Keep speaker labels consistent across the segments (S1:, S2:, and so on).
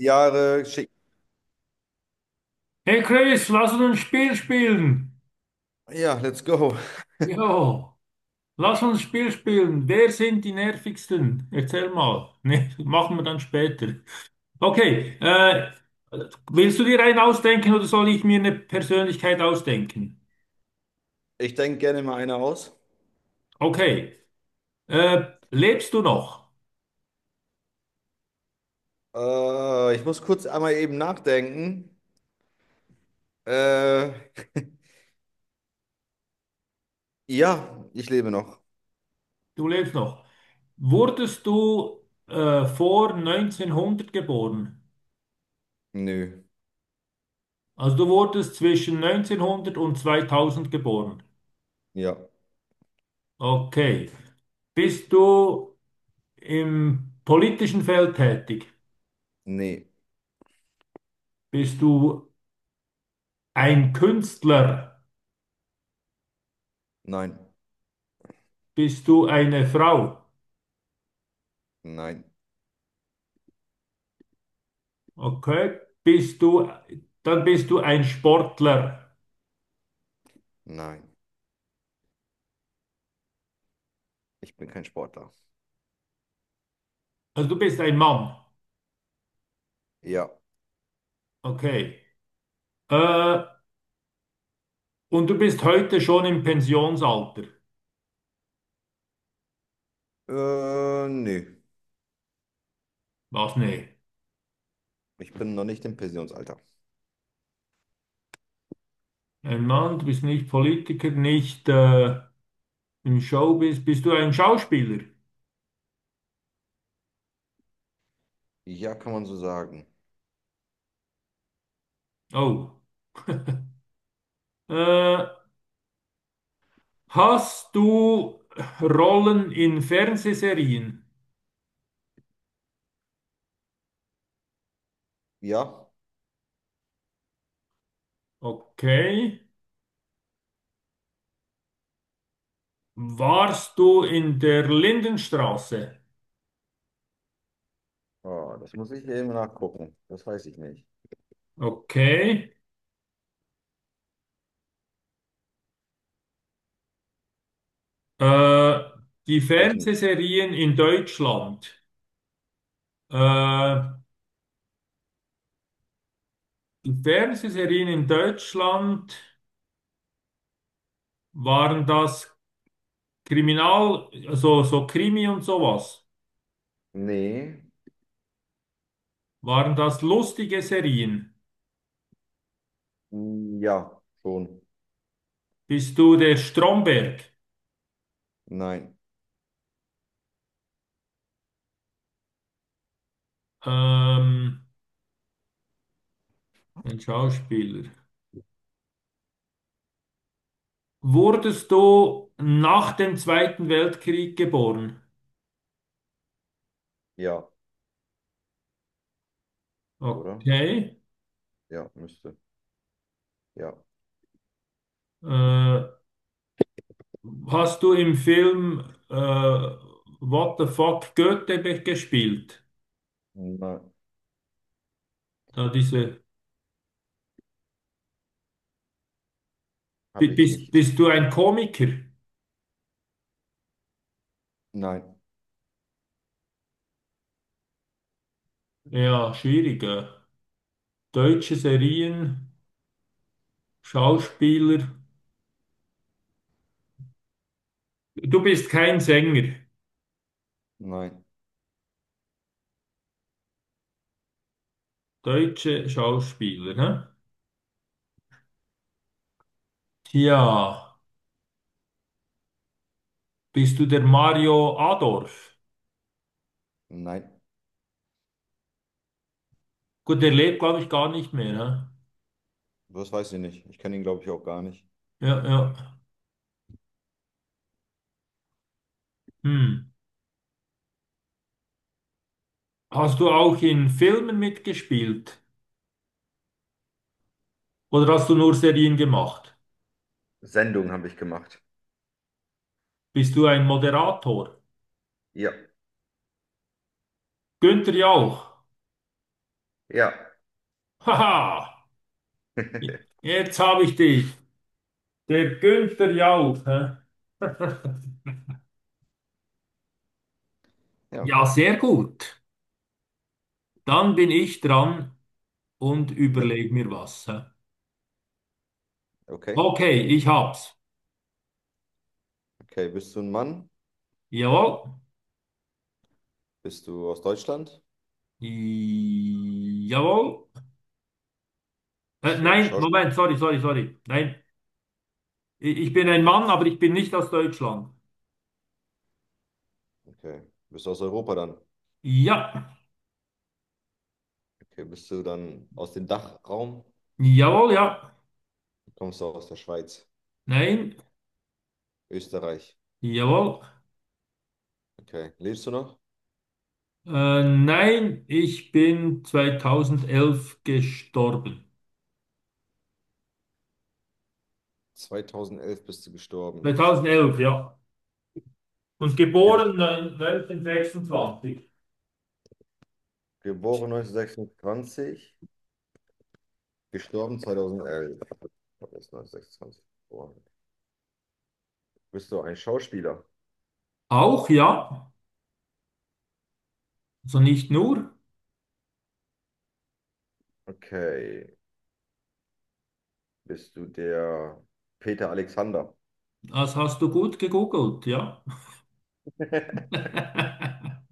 S1: Jahre schick.
S2: Hey Chris, lass uns ein Spiel spielen.
S1: Ja, let's go.
S2: Jo, lass uns ein Spiel spielen. Wer sind die nervigsten? Erzähl mal. Ne, machen wir dann später. Okay, äh, Willst du dir einen ausdenken oder soll ich mir eine Persönlichkeit ausdenken?
S1: Ich denke gerne mal eine aus.
S2: Okay, äh, Lebst du noch?
S1: Ich muss kurz einmal eben nachdenken. Äh, ja, ich lebe noch.
S2: Du lebst noch. Wurdest du vor 1900 geboren?
S1: Nö.
S2: Also du wurdest zwischen 1900 und 2000 geboren.
S1: Ja.
S2: Okay. Bist du Im politischen Feld tätig?
S1: Nee.
S2: Bist du ein Künstler?
S1: Nein.
S2: Bist du eine Frau?
S1: Nein.
S2: Okay. Dann bist du ein Sportler.
S1: Nein. Ich bin kein Sportler.
S2: Also du bist ein Mann.
S1: Ja.
S2: Okay. Äh, und du bist heute schon im Pensionsalter.
S1: Nö.
S2: Was? Nee.
S1: Ich bin noch nicht im Pensionsalter.
S2: Ein Mann, du bist nicht Politiker, nicht im Showbiz. Bist du ein Schauspieler?
S1: Ja, kann man so sagen.
S2: Oh. Äh, Hast du Rollen in Fernsehserien?
S1: Ja.
S2: Okay. Warst du in der Lindenstraße?
S1: Oh, das muss ich eben nachgucken. Das weiß ich nicht.
S2: Okay. Äh, Die
S1: Weiß ich nicht.
S2: Fernsehserien in Deutschland. Äh, Die Fernsehserien in Deutschland, waren das Kriminal, also so Krimi und sowas?
S1: Nee.
S2: Waren das lustige Serien?
S1: Ja. Schon.
S2: Bist du der Stromberg?
S1: Nein.
S2: Ähm, ein Schauspieler. Wurdest du nach dem Zweiten Weltkrieg geboren?
S1: Ja. Oder?
S2: Okay.
S1: Ja, müsste. Ja.
S2: Äh, Hast du im Film äh, What the fuck Goethe gespielt?
S1: Nein,
S2: Da diese, bi-
S1: habe ich
S2: bist,
S1: nicht.
S2: bist du ein Komiker?
S1: Nein,
S2: Ja, schwierig. Deutsche Serien, Schauspieler. Du bist kein Sänger.
S1: nein,
S2: Deutsche Schauspieler, ne? Tja, bist du der Mario Adorf?
S1: nein.
S2: Gut, der lebt, glaube ich, gar nicht mehr, ne?
S1: Das weiß ich nicht. Ich kenne ihn, glaube ich, auch gar nicht.
S2: Ja, ja. Hm. Hast du auch in Filmen mitgespielt? Oder hast du nur Serien gemacht?
S1: Sendung habe ich gemacht.
S2: Bist du ein Moderator?
S1: Ja,
S2: Günther Jauch.
S1: ja.
S2: Haha, jetzt habe ich dich. Der Günther Jauch. Hä?
S1: Ja,
S2: Ja, sehr gut. Dann bin ich dran und
S1: le-
S2: überleg mir was. Hä?
S1: okay.
S2: Okay, ich hab's.
S1: Okay, bist du ein Mann?
S2: Jawohl.
S1: Bist du aus Deutschland?
S2: Jawohl.
S1: Bist du ein
S2: Nein,
S1: Schauspieler?
S2: Moment, sorry, sorry, sorry. Nein, ich bin ein Mann, aber ich bin nicht aus Deutschland.
S1: Okay. Bist du aus Europa dann?
S2: Ja.
S1: Okay, bist du dann aus dem Dachraum?
S2: Jawohl, ja.
S1: Kommst du aus der Schweiz?
S2: Nein.
S1: Österreich?
S2: Jawohl.
S1: Okay. Lebst du noch?
S2: Nein, ich bin 2011 gestorben.
S1: 2011 bist du gestorben.
S2: 2011, ja. Und
S1: Okay, bist
S2: geboren 1926.
S1: du geboren 1926? Gestorben 2011. Das ist 1926 geboren. Bist du ein Schauspieler?
S2: Auch ja, also nicht nur,
S1: Okay. Bist du der Peter Alexander?
S2: das hast du gut gegoogelt, ja.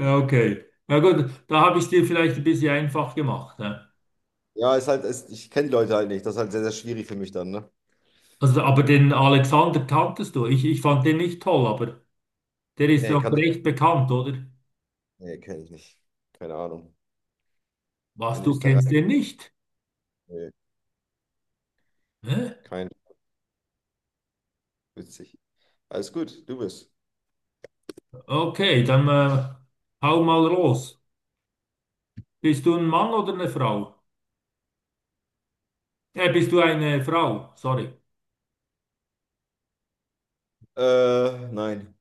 S2: Ja, okay. Na gut, da habe ich es dir vielleicht ein bisschen einfach gemacht. Ne?
S1: Ja, ist halt, ist, ich kenne die Leute halt nicht. Das ist halt sehr, sehr schwierig für mich dann, ne?
S2: Also, aber den Alexander kanntest du. Ich fand den nicht toll, aber der ist
S1: Nee,
S2: doch
S1: kann ich.
S2: recht bekannt, oder?
S1: Nee, kenne ich nicht. Keine Ahnung. Ein
S2: Was, du kennst den
S1: Österreicher?
S2: nicht?
S1: Nee,
S2: Hä?
S1: kein. Witzig. Alles gut, du bist.
S2: Okay, dann Hau mal los. Bist du ein Mann oder eine Frau? Bist du eine Frau? Sorry.
S1: Nein.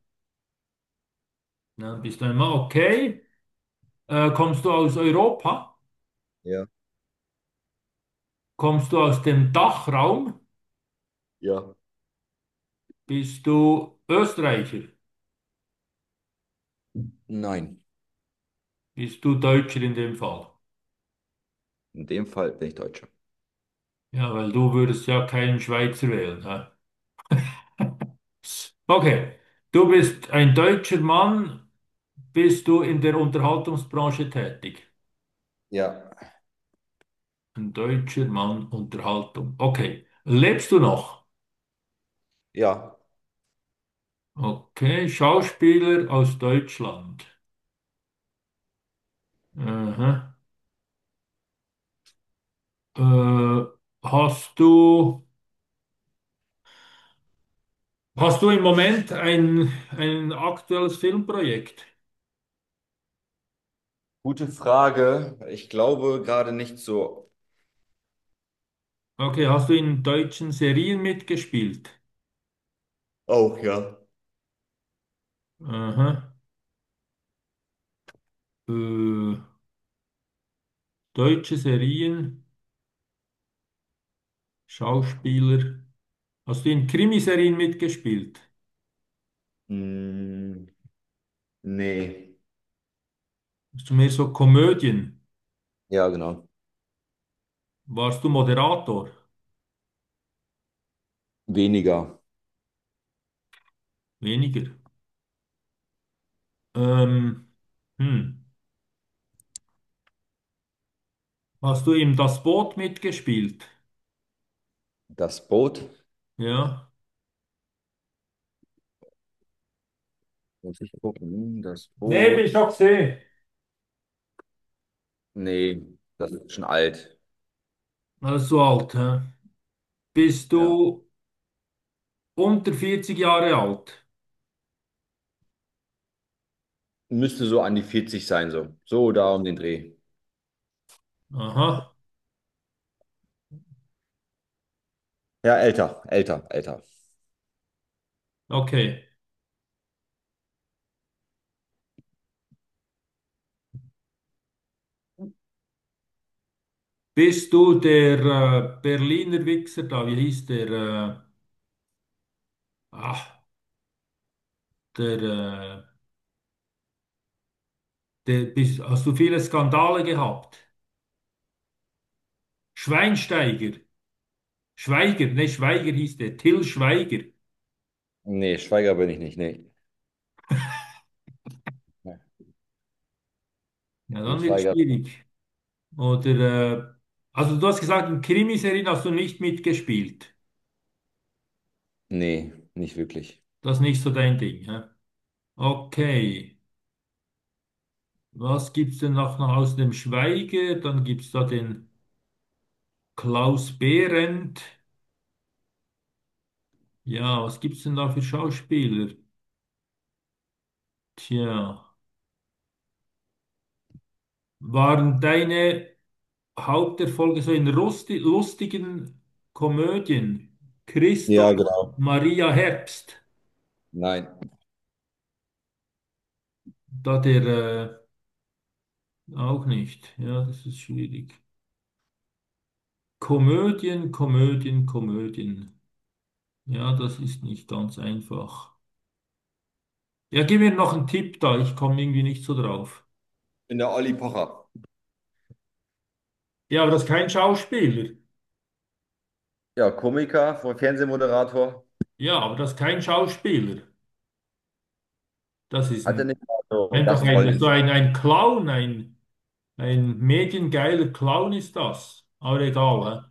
S2: Ja, bist du ein Mann? Okay. Kommst du aus Europa?
S1: Ja.
S2: Kommst du aus dem Dachraum?
S1: Ja.
S2: Bist du Österreicher?
S1: Nein.
S2: Bist du Deutscher in dem Fall?
S1: In dem Fall bin ich Deutscher.
S2: Ja, weil du würdest ja keinen Schweizer wählen. Ja. Okay. Du bist ein deutscher Mann. Bist du in der Unterhaltungsbranche tätig?
S1: Ja.
S2: Ein deutscher Mann, Unterhaltung. Okay. Lebst du noch?
S1: Ja.
S2: Okay. Schauspieler aus Deutschland. Aha. Äh, hast du, hast du im Moment ein aktuelles Filmprojekt?
S1: Gute Frage. Ich glaube gerade nicht so.
S2: Okay, hast du in deutschen Serien mitgespielt?
S1: Auch, ja.
S2: Aha. Äh, Deutsche Serien, Schauspieler. Hast du in Krimiserien mitgespielt?
S1: Hm, nee.
S2: Hast du mehr so Komödien?
S1: Ja, genau.
S2: Warst du Moderator?
S1: Weniger
S2: Weniger. Ähm, hm. Hast du im Das Boot mitgespielt?
S1: Das Boot.
S2: Ja.
S1: Muss ich gucken. Hm, Das
S2: Nee, bin ich
S1: Boot.
S2: auch gesehen.
S1: Nee, das ist schon alt.
S2: Also so alt, hä? Bist du
S1: Ja.
S2: unter 40 Jahre alt?
S1: Müsste so an die 40 sein, so. So da um den Dreh.
S2: Aha,
S1: Ja, älter, älter, älter.
S2: okay. Bist du der Berliner Wichser da? Wie hieß der? Ach, der, äh, hast du viele Skandale gehabt? Schweinsteiger. Schweiger, ne, Schweiger hieß der. Till Schweiger.
S1: Nee, Schweiger bin ich nicht. Nee. Ja.
S2: Ja,
S1: Den
S2: dann wird
S1: Schweiger.
S2: schwierig. Oder, äh, also du hast gesagt, in Krimiserien hast du nicht mitgespielt.
S1: Nee, nicht wirklich.
S2: Das ist nicht so dein Ding, hä? Okay. Was gibt's denn noch aus dem Schweige? Dann gibt's da den Klaus Behrendt. Ja, was gibt's denn da für Schauspieler? Tja, waren deine Haupterfolge so in rusti lustigen Komödien? Christoph
S1: Ja, genau.
S2: Maria Herbst,
S1: Nein.
S2: da der auch nicht. Ja, das ist schwierig. Komödien, Komödien, Komödien. Ja, das ist nicht ganz einfach. Ja, gib mir noch einen Tipp da, ich komme irgendwie nicht so drauf.
S1: Ich bin der Olli Pocher.
S2: Ja, aber das ist kein Schauspieler.
S1: Ja, Komiker, Fernsehmoderator.
S2: Ja, aber das ist kein Schauspieler. Das ist
S1: Hatte nicht mal so
S2: einfach
S1: Gastrollen in
S2: ein Clown, ein mediengeiler Clown ist das. Aber egal, hä?